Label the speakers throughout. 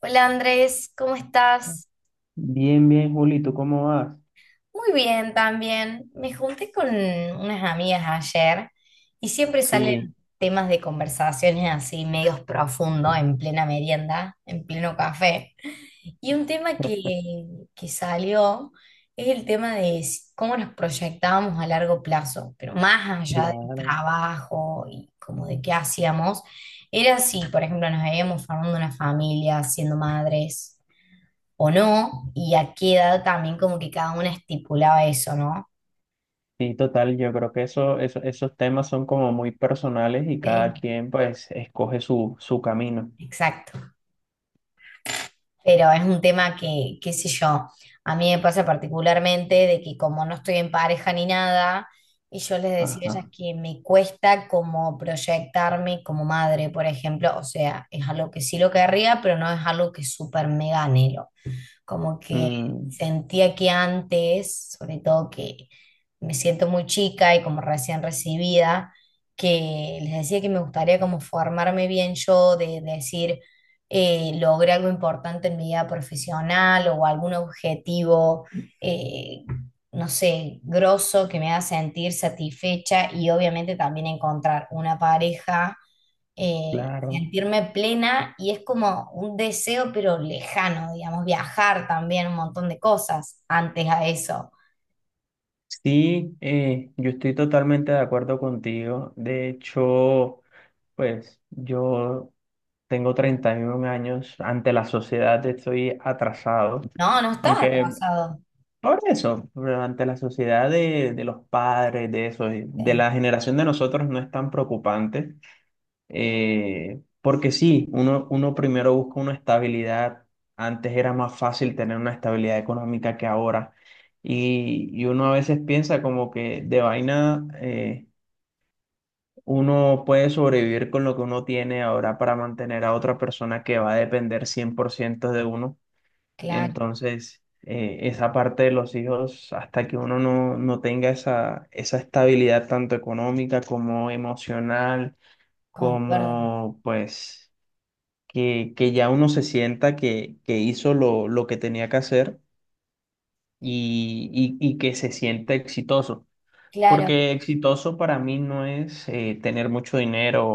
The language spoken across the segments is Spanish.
Speaker 1: Hola Andrés, ¿cómo estás?
Speaker 2: Bien, bien, Juli, ¿tú cómo vas?
Speaker 1: Muy bien también. Me junté con unas amigas ayer y siempre salen
Speaker 2: Sí,
Speaker 1: temas de conversaciones así medios profundos en plena merienda, en pleno café. Y un tema que salió es el tema de cómo nos proyectábamos a largo plazo, pero más allá del
Speaker 2: claro,
Speaker 1: trabajo y como de qué hacíamos, era si, por ejemplo, nos veíamos formando una familia, siendo madres. O no, y a qué edad también como que cada una estipulaba eso, ¿no?
Speaker 2: sí, total, yo creo que eso, esos temas son como muy personales y
Speaker 1: Eh,
Speaker 2: cada quien pues escoge su camino.
Speaker 1: exacto. Pero es un tema que, qué sé yo, a mí me pasa particularmente de que como no estoy en pareja ni nada, y yo les decía a ellas
Speaker 2: Ajá.
Speaker 1: que me cuesta como proyectarme como madre, por ejemplo. O sea, es algo que sí lo querría, pero no es algo que súper mega anhelo. Como que
Speaker 2: Mm,
Speaker 1: sentía que antes, sobre todo que me siento muy chica y como recién recibida, que les decía que me gustaría como formarme bien yo, decir, logré algo importante en mi vida profesional o algún objetivo, eh, no sé, grosso que me haga sentir satisfecha, y obviamente también encontrar una pareja,
Speaker 2: claro.
Speaker 1: sentirme plena, y es como un deseo pero lejano, digamos, viajar también, un montón de cosas antes a eso.
Speaker 2: Sí, yo estoy totalmente de acuerdo contigo. De hecho, pues yo tengo 31 años, ante la sociedad estoy atrasado,
Speaker 1: No, no estás
Speaker 2: aunque.
Speaker 1: atrasado.
Speaker 2: Por eso, pero ante la sociedad de los padres, de eso, de
Speaker 1: Sí,
Speaker 2: la generación de nosotros no es tan preocupante, porque sí, uno primero busca una estabilidad, antes era más fácil tener una estabilidad económica que ahora, y uno a veces piensa como que de vaina uno puede sobrevivir con lo que uno tiene ahora para mantener a otra persona que va a depender 100% de uno.
Speaker 1: claro,
Speaker 2: Entonces, esa parte de los hijos, hasta que uno no tenga esa estabilidad tanto económica como emocional,
Speaker 1: concuerdo.
Speaker 2: como pues que ya uno se sienta que hizo lo que tenía que hacer y que se sienta exitoso.
Speaker 1: Claro,
Speaker 2: Porque exitoso para mí no es tener mucho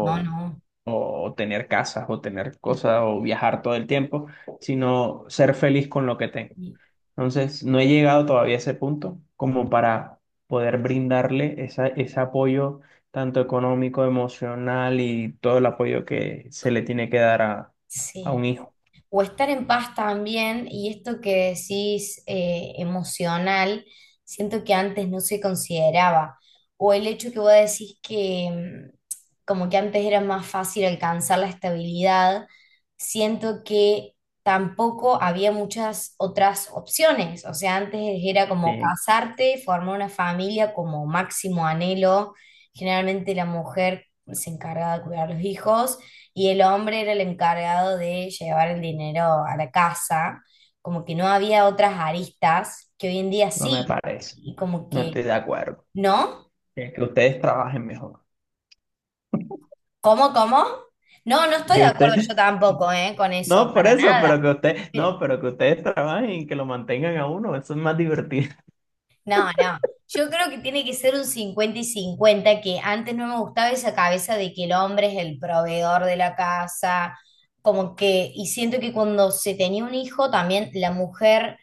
Speaker 1: no, no.
Speaker 2: o tener casas o tener cosas o viajar todo el tiempo, sino ser feliz con lo que tengo. Entonces, no he llegado todavía a ese punto como para poder brindarle ese apoyo tanto económico, emocional y todo el apoyo que se le tiene que dar a, un
Speaker 1: Sí.
Speaker 2: hijo.
Speaker 1: O estar en paz también, y esto que decís, emocional, siento que antes no se consideraba, o el hecho que vos decís que como que antes era más fácil alcanzar la estabilidad, siento que tampoco había muchas otras opciones. O sea, antes era como
Speaker 2: Sí,
Speaker 1: casarte, formar una familia como máximo anhelo, generalmente la mujer se encargaba de cuidar a los hijos y el hombre era el encargado de llevar el dinero a la casa, como que no había otras aristas que hoy en día
Speaker 2: no me
Speaker 1: sí,
Speaker 2: parece.
Speaker 1: y como
Speaker 2: No estoy
Speaker 1: que,
Speaker 2: de acuerdo.
Speaker 1: ¿no?
Speaker 2: Que ustedes trabajen mejor.
Speaker 1: ¿Cómo, cómo? No, no estoy de
Speaker 2: Que
Speaker 1: acuerdo
Speaker 2: ustedes.
Speaker 1: yo tampoco, ¿eh? Con eso,
Speaker 2: No, por
Speaker 1: para
Speaker 2: eso, pero
Speaker 1: nada.
Speaker 2: que ustedes.
Speaker 1: Pero,
Speaker 2: No, pero que ustedes trabajen y que lo mantengan a uno. Eso es más divertido.
Speaker 1: no, no. Yo creo que tiene que ser un 50 y cincuenta, que antes no me gustaba esa cabeza de que el hombre es el proveedor de la casa. Como que, y siento que cuando se tenía un hijo también la mujer,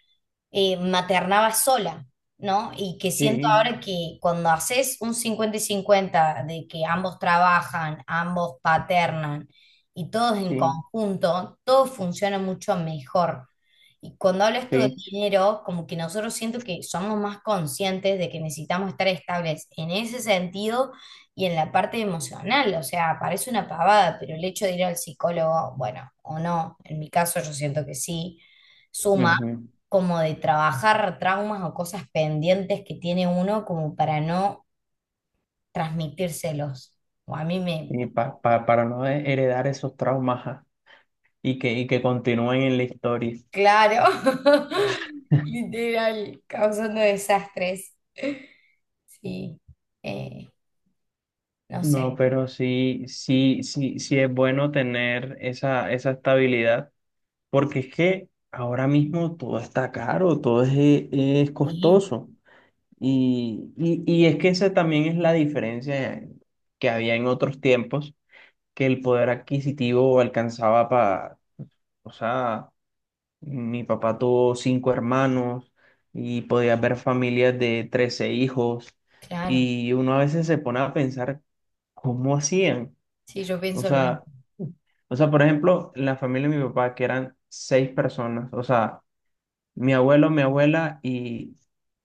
Speaker 1: maternaba sola, ¿no? Y que siento
Speaker 2: Sí,
Speaker 1: ahora que cuando haces un 50 y 50 de que ambos trabajan, ambos paternan y todos en
Speaker 2: sí,
Speaker 1: conjunto, todo funciona mucho mejor. Y cuando hablo esto del
Speaker 2: sí.
Speaker 1: dinero, como que nosotros, siento que somos más conscientes de que necesitamos estar estables en ese sentido y en la parte emocional. O sea, parece una pavada, pero el hecho de ir al psicólogo, bueno, o no, en mi caso yo siento que sí, suma,
Speaker 2: Ujú.
Speaker 1: como de trabajar traumas o cosas pendientes que tiene uno como para no transmitírselos. O a mí me,
Speaker 2: Y
Speaker 1: me-
Speaker 2: para no heredar esos traumas. Y que continúen en la historia.
Speaker 1: Claro, literal, causando desastres. Sí, eh, no
Speaker 2: No,
Speaker 1: sé.
Speaker 2: pero sí, sí, sí, sí es bueno tener esa estabilidad, porque es que ahora mismo todo está caro, todo es
Speaker 1: Sí,
Speaker 2: costoso. Y es que esa también es la diferencia que había en otros tiempos, que el poder adquisitivo alcanzaba para, o sea, mi papá tuvo cinco hermanos y podía ver familias de 13 hijos
Speaker 1: claro.
Speaker 2: y uno a veces se pone a pensar cómo hacían.
Speaker 1: Sí, yo
Speaker 2: O
Speaker 1: pienso lo mismo.
Speaker 2: sea, o sea, por ejemplo, la familia de mi papá, que eran seis personas, o sea, mi abuelo, mi abuela y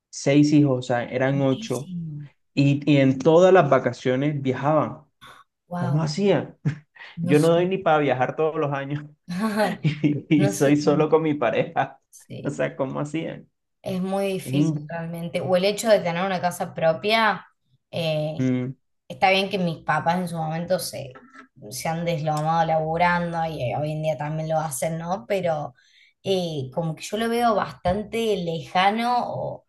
Speaker 2: seis hijos, o sea, eran ocho,
Speaker 1: Muchísimo.
Speaker 2: y en todas las vacaciones viajaban. ¿Cómo
Speaker 1: Wow.
Speaker 2: hacían?
Speaker 1: No
Speaker 2: Yo no doy
Speaker 1: sé.
Speaker 2: ni para viajar todos los años. Y
Speaker 1: No
Speaker 2: soy
Speaker 1: sé cómo.
Speaker 2: solo con mi pareja. O
Speaker 1: Sí,
Speaker 2: sea, ¿cómo hacían?
Speaker 1: es muy
Speaker 2: Es
Speaker 1: difícil
Speaker 2: in-
Speaker 1: realmente. O el hecho de tener una casa propia, eh,
Speaker 2: mm,
Speaker 1: está bien que mis papás en su momento se, han deslomado laburando, y hoy en día también lo hacen, ¿no? Pero como que yo lo veo bastante lejano,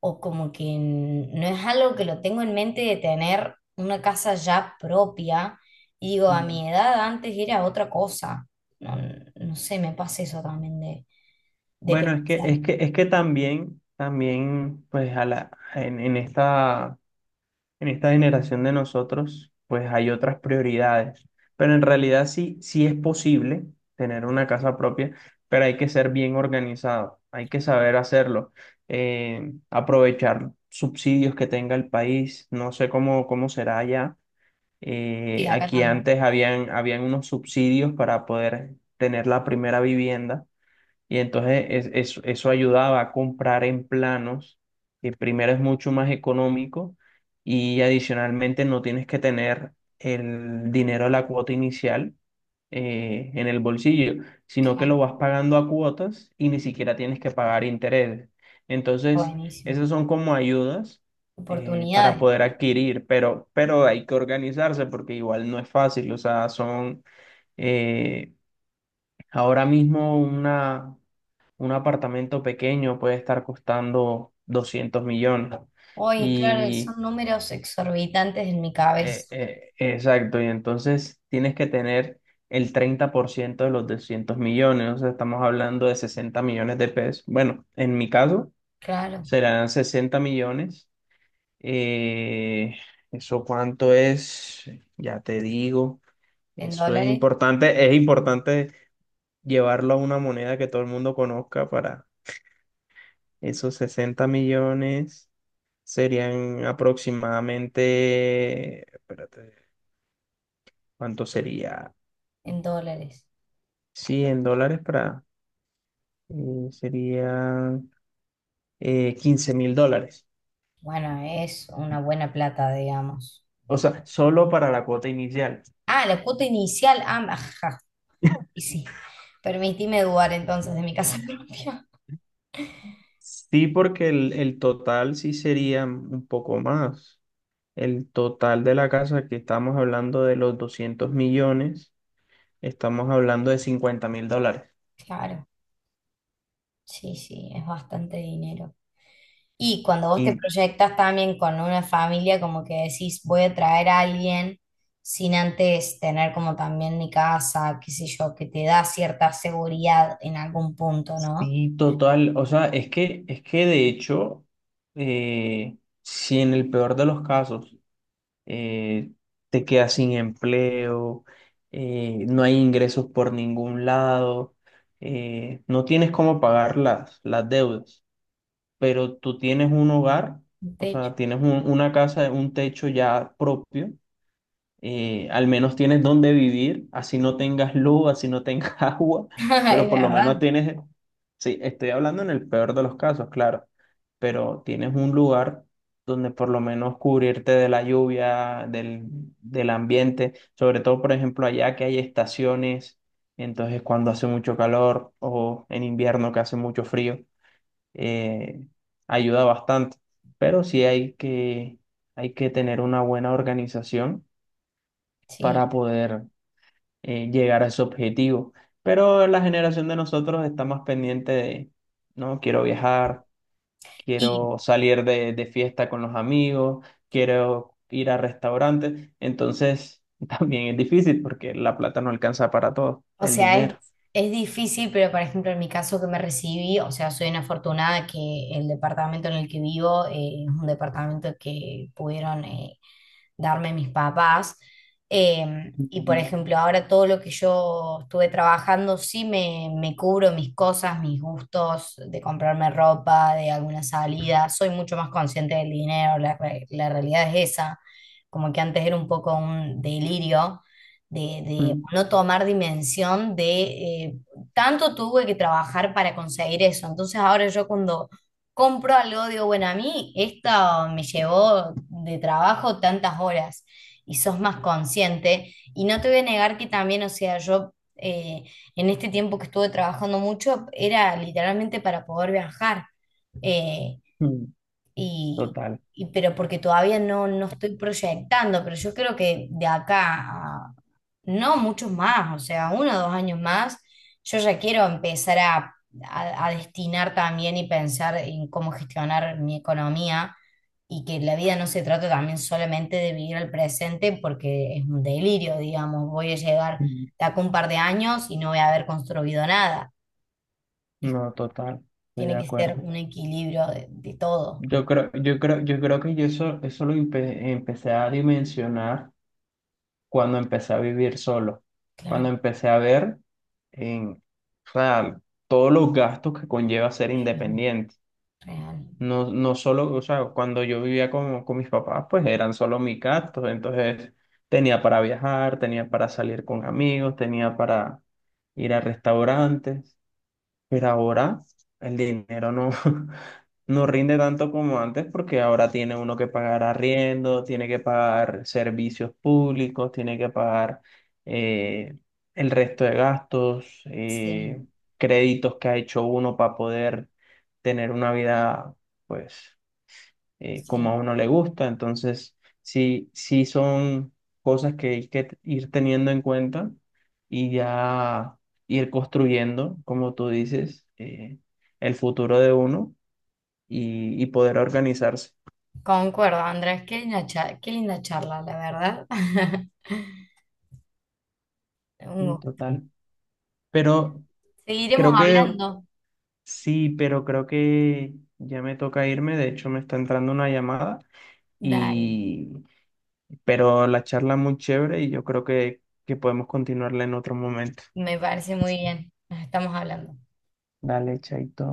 Speaker 1: o como que no es algo que lo tengo en mente, de tener una casa ya propia. Y digo, a
Speaker 2: mm.
Speaker 1: mi edad antes era otra cosa. No, no sé, me pasa eso también de
Speaker 2: Bueno, es que,
Speaker 1: pensar.
Speaker 2: es que, es que también, también, pues a la, en esta generación de nosotros, pues hay otras prioridades. Pero en realidad sí, sí es posible tener una casa propia, pero, hay que ser bien organizado, hay que saber hacerlo, aprovechar subsidios que tenga el país, no sé cómo, cómo será allá.
Speaker 1: Sí,
Speaker 2: Eh,
Speaker 1: acá
Speaker 2: aquí
Speaker 1: también.
Speaker 2: antes habían unos subsidios para poder tener la primera vivienda. Y entonces eso ayudaba a comprar en planos, que primero es mucho más económico y adicionalmente no tienes que tener el dinero de la cuota inicial en el bolsillo, sino que lo
Speaker 1: Claro,
Speaker 2: vas pagando a cuotas y ni siquiera tienes que pagar intereses. Entonces,
Speaker 1: buenísimo.
Speaker 2: esas son como ayudas para
Speaker 1: Oportunidades.
Speaker 2: poder adquirir, pero hay que organizarse porque igual no es fácil, o sea, son. Eh, Ahora mismo un apartamento pequeño puede estar costando 200 millones.
Speaker 1: Hoy, claro,
Speaker 2: Y
Speaker 1: son números exorbitantes en mi cabeza.
Speaker 2: exacto, y entonces tienes que tener el 30% de los 200 millones, o sea, estamos hablando de 60 millones de pesos. Bueno, en mi caso
Speaker 1: Claro,
Speaker 2: serán 60 millones. Eh, ¿Eso cuánto es? Ya te digo,
Speaker 1: en
Speaker 2: eso
Speaker 1: dólares,
Speaker 2: es importante llevarlo a una moneda que todo el mundo conozca para esos 60 millones. Serían aproximadamente, espérate, ¿cuánto sería?
Speaker 1: en dólares.
Speaker 2: $100 para, serían 15 mil dólares.
Speaker 1: Bueno, es una buena plata, digamos.
Speaker 2: O sea, solo para la cuota inicial.
Speaker 1: Ah, la cuota inicial. Ah, ajá. Y sí, permitime dudar entonces de mi casa propia.
Speaker 2: Sí, porque el total sí sería un poco más. El total de la casa que estamos hablando de los 200 millones, estamos hablando de 50.000 dólares.
Speaker 1: Claro, sí, sí, es bastante dinero. Y cuando vos te
Speaker 2: Y
Speaker 1: proyectas también con una familia, como que decís, voy a traer a alguien sin antes tener como también mi casa, qué sé yo, que te da cierta seguridad en algún punto, ¿no?
Speaker 2: sí, total. O sea, es que de hecho, eh, si en el peor de los casos eh, te quedas sin empleo, no hay ingresos por ningún lado, no tienes cómo pagar las deudas, pero tú tienes un hogar,
Speaker 1: Un
Speaker 2: o
Speaker 1: techo.
Speaker 2: sea, tienes una casa, un techo ya propio. Al menos tienes dónde vivir, así no tengas luz, así no tengas agua,
Speaker 1: Es
Speaker 2: pero por lo
Speaker 1: verdad,
Speaker 2: menos tienes, sí, estoy hablando en el peor de los casos, claro, pero tienes un lugar donde por lo menos cubrirte de la lluvia, del ambiente, sobre todo, por ejemplo, allá que hay estaciones, entonces cuando hace mucho calor o en invierno que hace mucho frío, eh, ayuda bastante, pero sí hay que, tener una buena organización
Speaker 1: sí.
Speaker 2: para poder llegar a ese objetivo. Pero la generación de nosotros está más pendiente de, no, quiero viajar, quiero
Speaker 1: Y.
Speaker 2: salir de fiesta con los amigos, quiero ir a restaurantes. Entonces, también es difícil porque la plata no alcanza para todo,
Speaker 1: O
Speaker 2: el
Speaker 1: sea, es,
Speaker 2: dinero.
Speaker 1: es difícil, pero por ejemplo en mi caso, que me recibí, o sea, soy una afortunada, que el departamento en el que vivo, es un departamento que pudieron, darme mis papás. Y por
Speaker 2: Mm,
Speaker 1: ejemplo, ahora todo lo que yo estuve trabajando, sí me cubro mis cosas, mis gustos, de comprarme ropa, de alguna salida. Soy mucho más consciente del dinero, la realidad es esa. Como que antes era un poco un delirio de, de
Speaker 2: mm,
Speaker 1: no tomar dimensión de, eh, tanto tuve que trabajar para conseguir eso. Entonces ahora yo, cuando compro algo, digo, bueno, a mí esto me llevó de trabajo tantas horas, y sos más consciente. Y no te voy a negar que también, o sea, yo, en este tiempo que estuve trabajando mucho, era literalmente para poder viajar. Eh,
Speaker 2: mm,
Speaker 1: y,
Speaker 2: total.
Speaker 1: pero porque todavía no estoy proyectando, pero yo creo que de acá no muchos más, o sea, uno o dos años más, yo ya quiero empezar a, a destinar también y pensar en cómo gestionar mi economía, y que la vida no se trata también solamente de vivir el presente, porque es un delirio, digamos, voy a llegar
Speaker 2: Mm,
Speaker 1: de acá un par de años y no voy a haber construido nada. Es-
Speaker 2: no, total. Estoy de
Speaker 1: tiene que ser
Speaker 2: acuerdo.
Speaker 1: un equilibrio de todo.
Speaker 2: Yo creo que yo eso lo empecé a dimensionar cuando empecé a vivir solo, cuando
Speaker 1: Claro,
Speaker 2: empecé a ver en, o sea, todos los gastos que conlleva ser
Speaker 1: sí,
Speaker 2: independiente.
Speaker 1: real.
Speaker 2: No, no solo, o sea, cuando yo vivía con mis papás, pues eran solo mis gastos, entonces tenía para viajar, tenía para salir con amigos, tenía para ir a restaurantes. Pero ahora el dinero no, no rinde tanto como antes porque ahora tiene uno que pagar arriendo, tiene que pagar servicios públicos, tiene que pagar eh, el resto de gastos,
Speaker 1: Sí,
Speaker 2: créditos que ha hecho uno para poder tener una vida, pues como a
Speaker 1: sí.
Speaker 2: uno le gusta. Entonces, sí, sí son cosas que hay que ir teniendo en cuenta y ya ir construyendo, como tú dices, el futuro de uno y poder organizarse
Speaker 1: Concuerdo, Andrés, qué qué linda charla, la verdad. Un
Speaker 2: en
Speaker 1: gusto.
Speaker 2: total. Pero
Speaker 1: Seguiremos
Speaker 2: creo que
Speaker 1: hablando.
Speaker 2: sí, pero creo que ya me toca irme. De hecho, me está entrando una llamada
Speaker 1: Dale,
Speaker 2: y pero la charla muy chévere y yo creo que podemos continuarla en otro momento.
Speaker 1: me parece muy bien. Nos estamos hablando.
Speaker 2: Dale, chaito.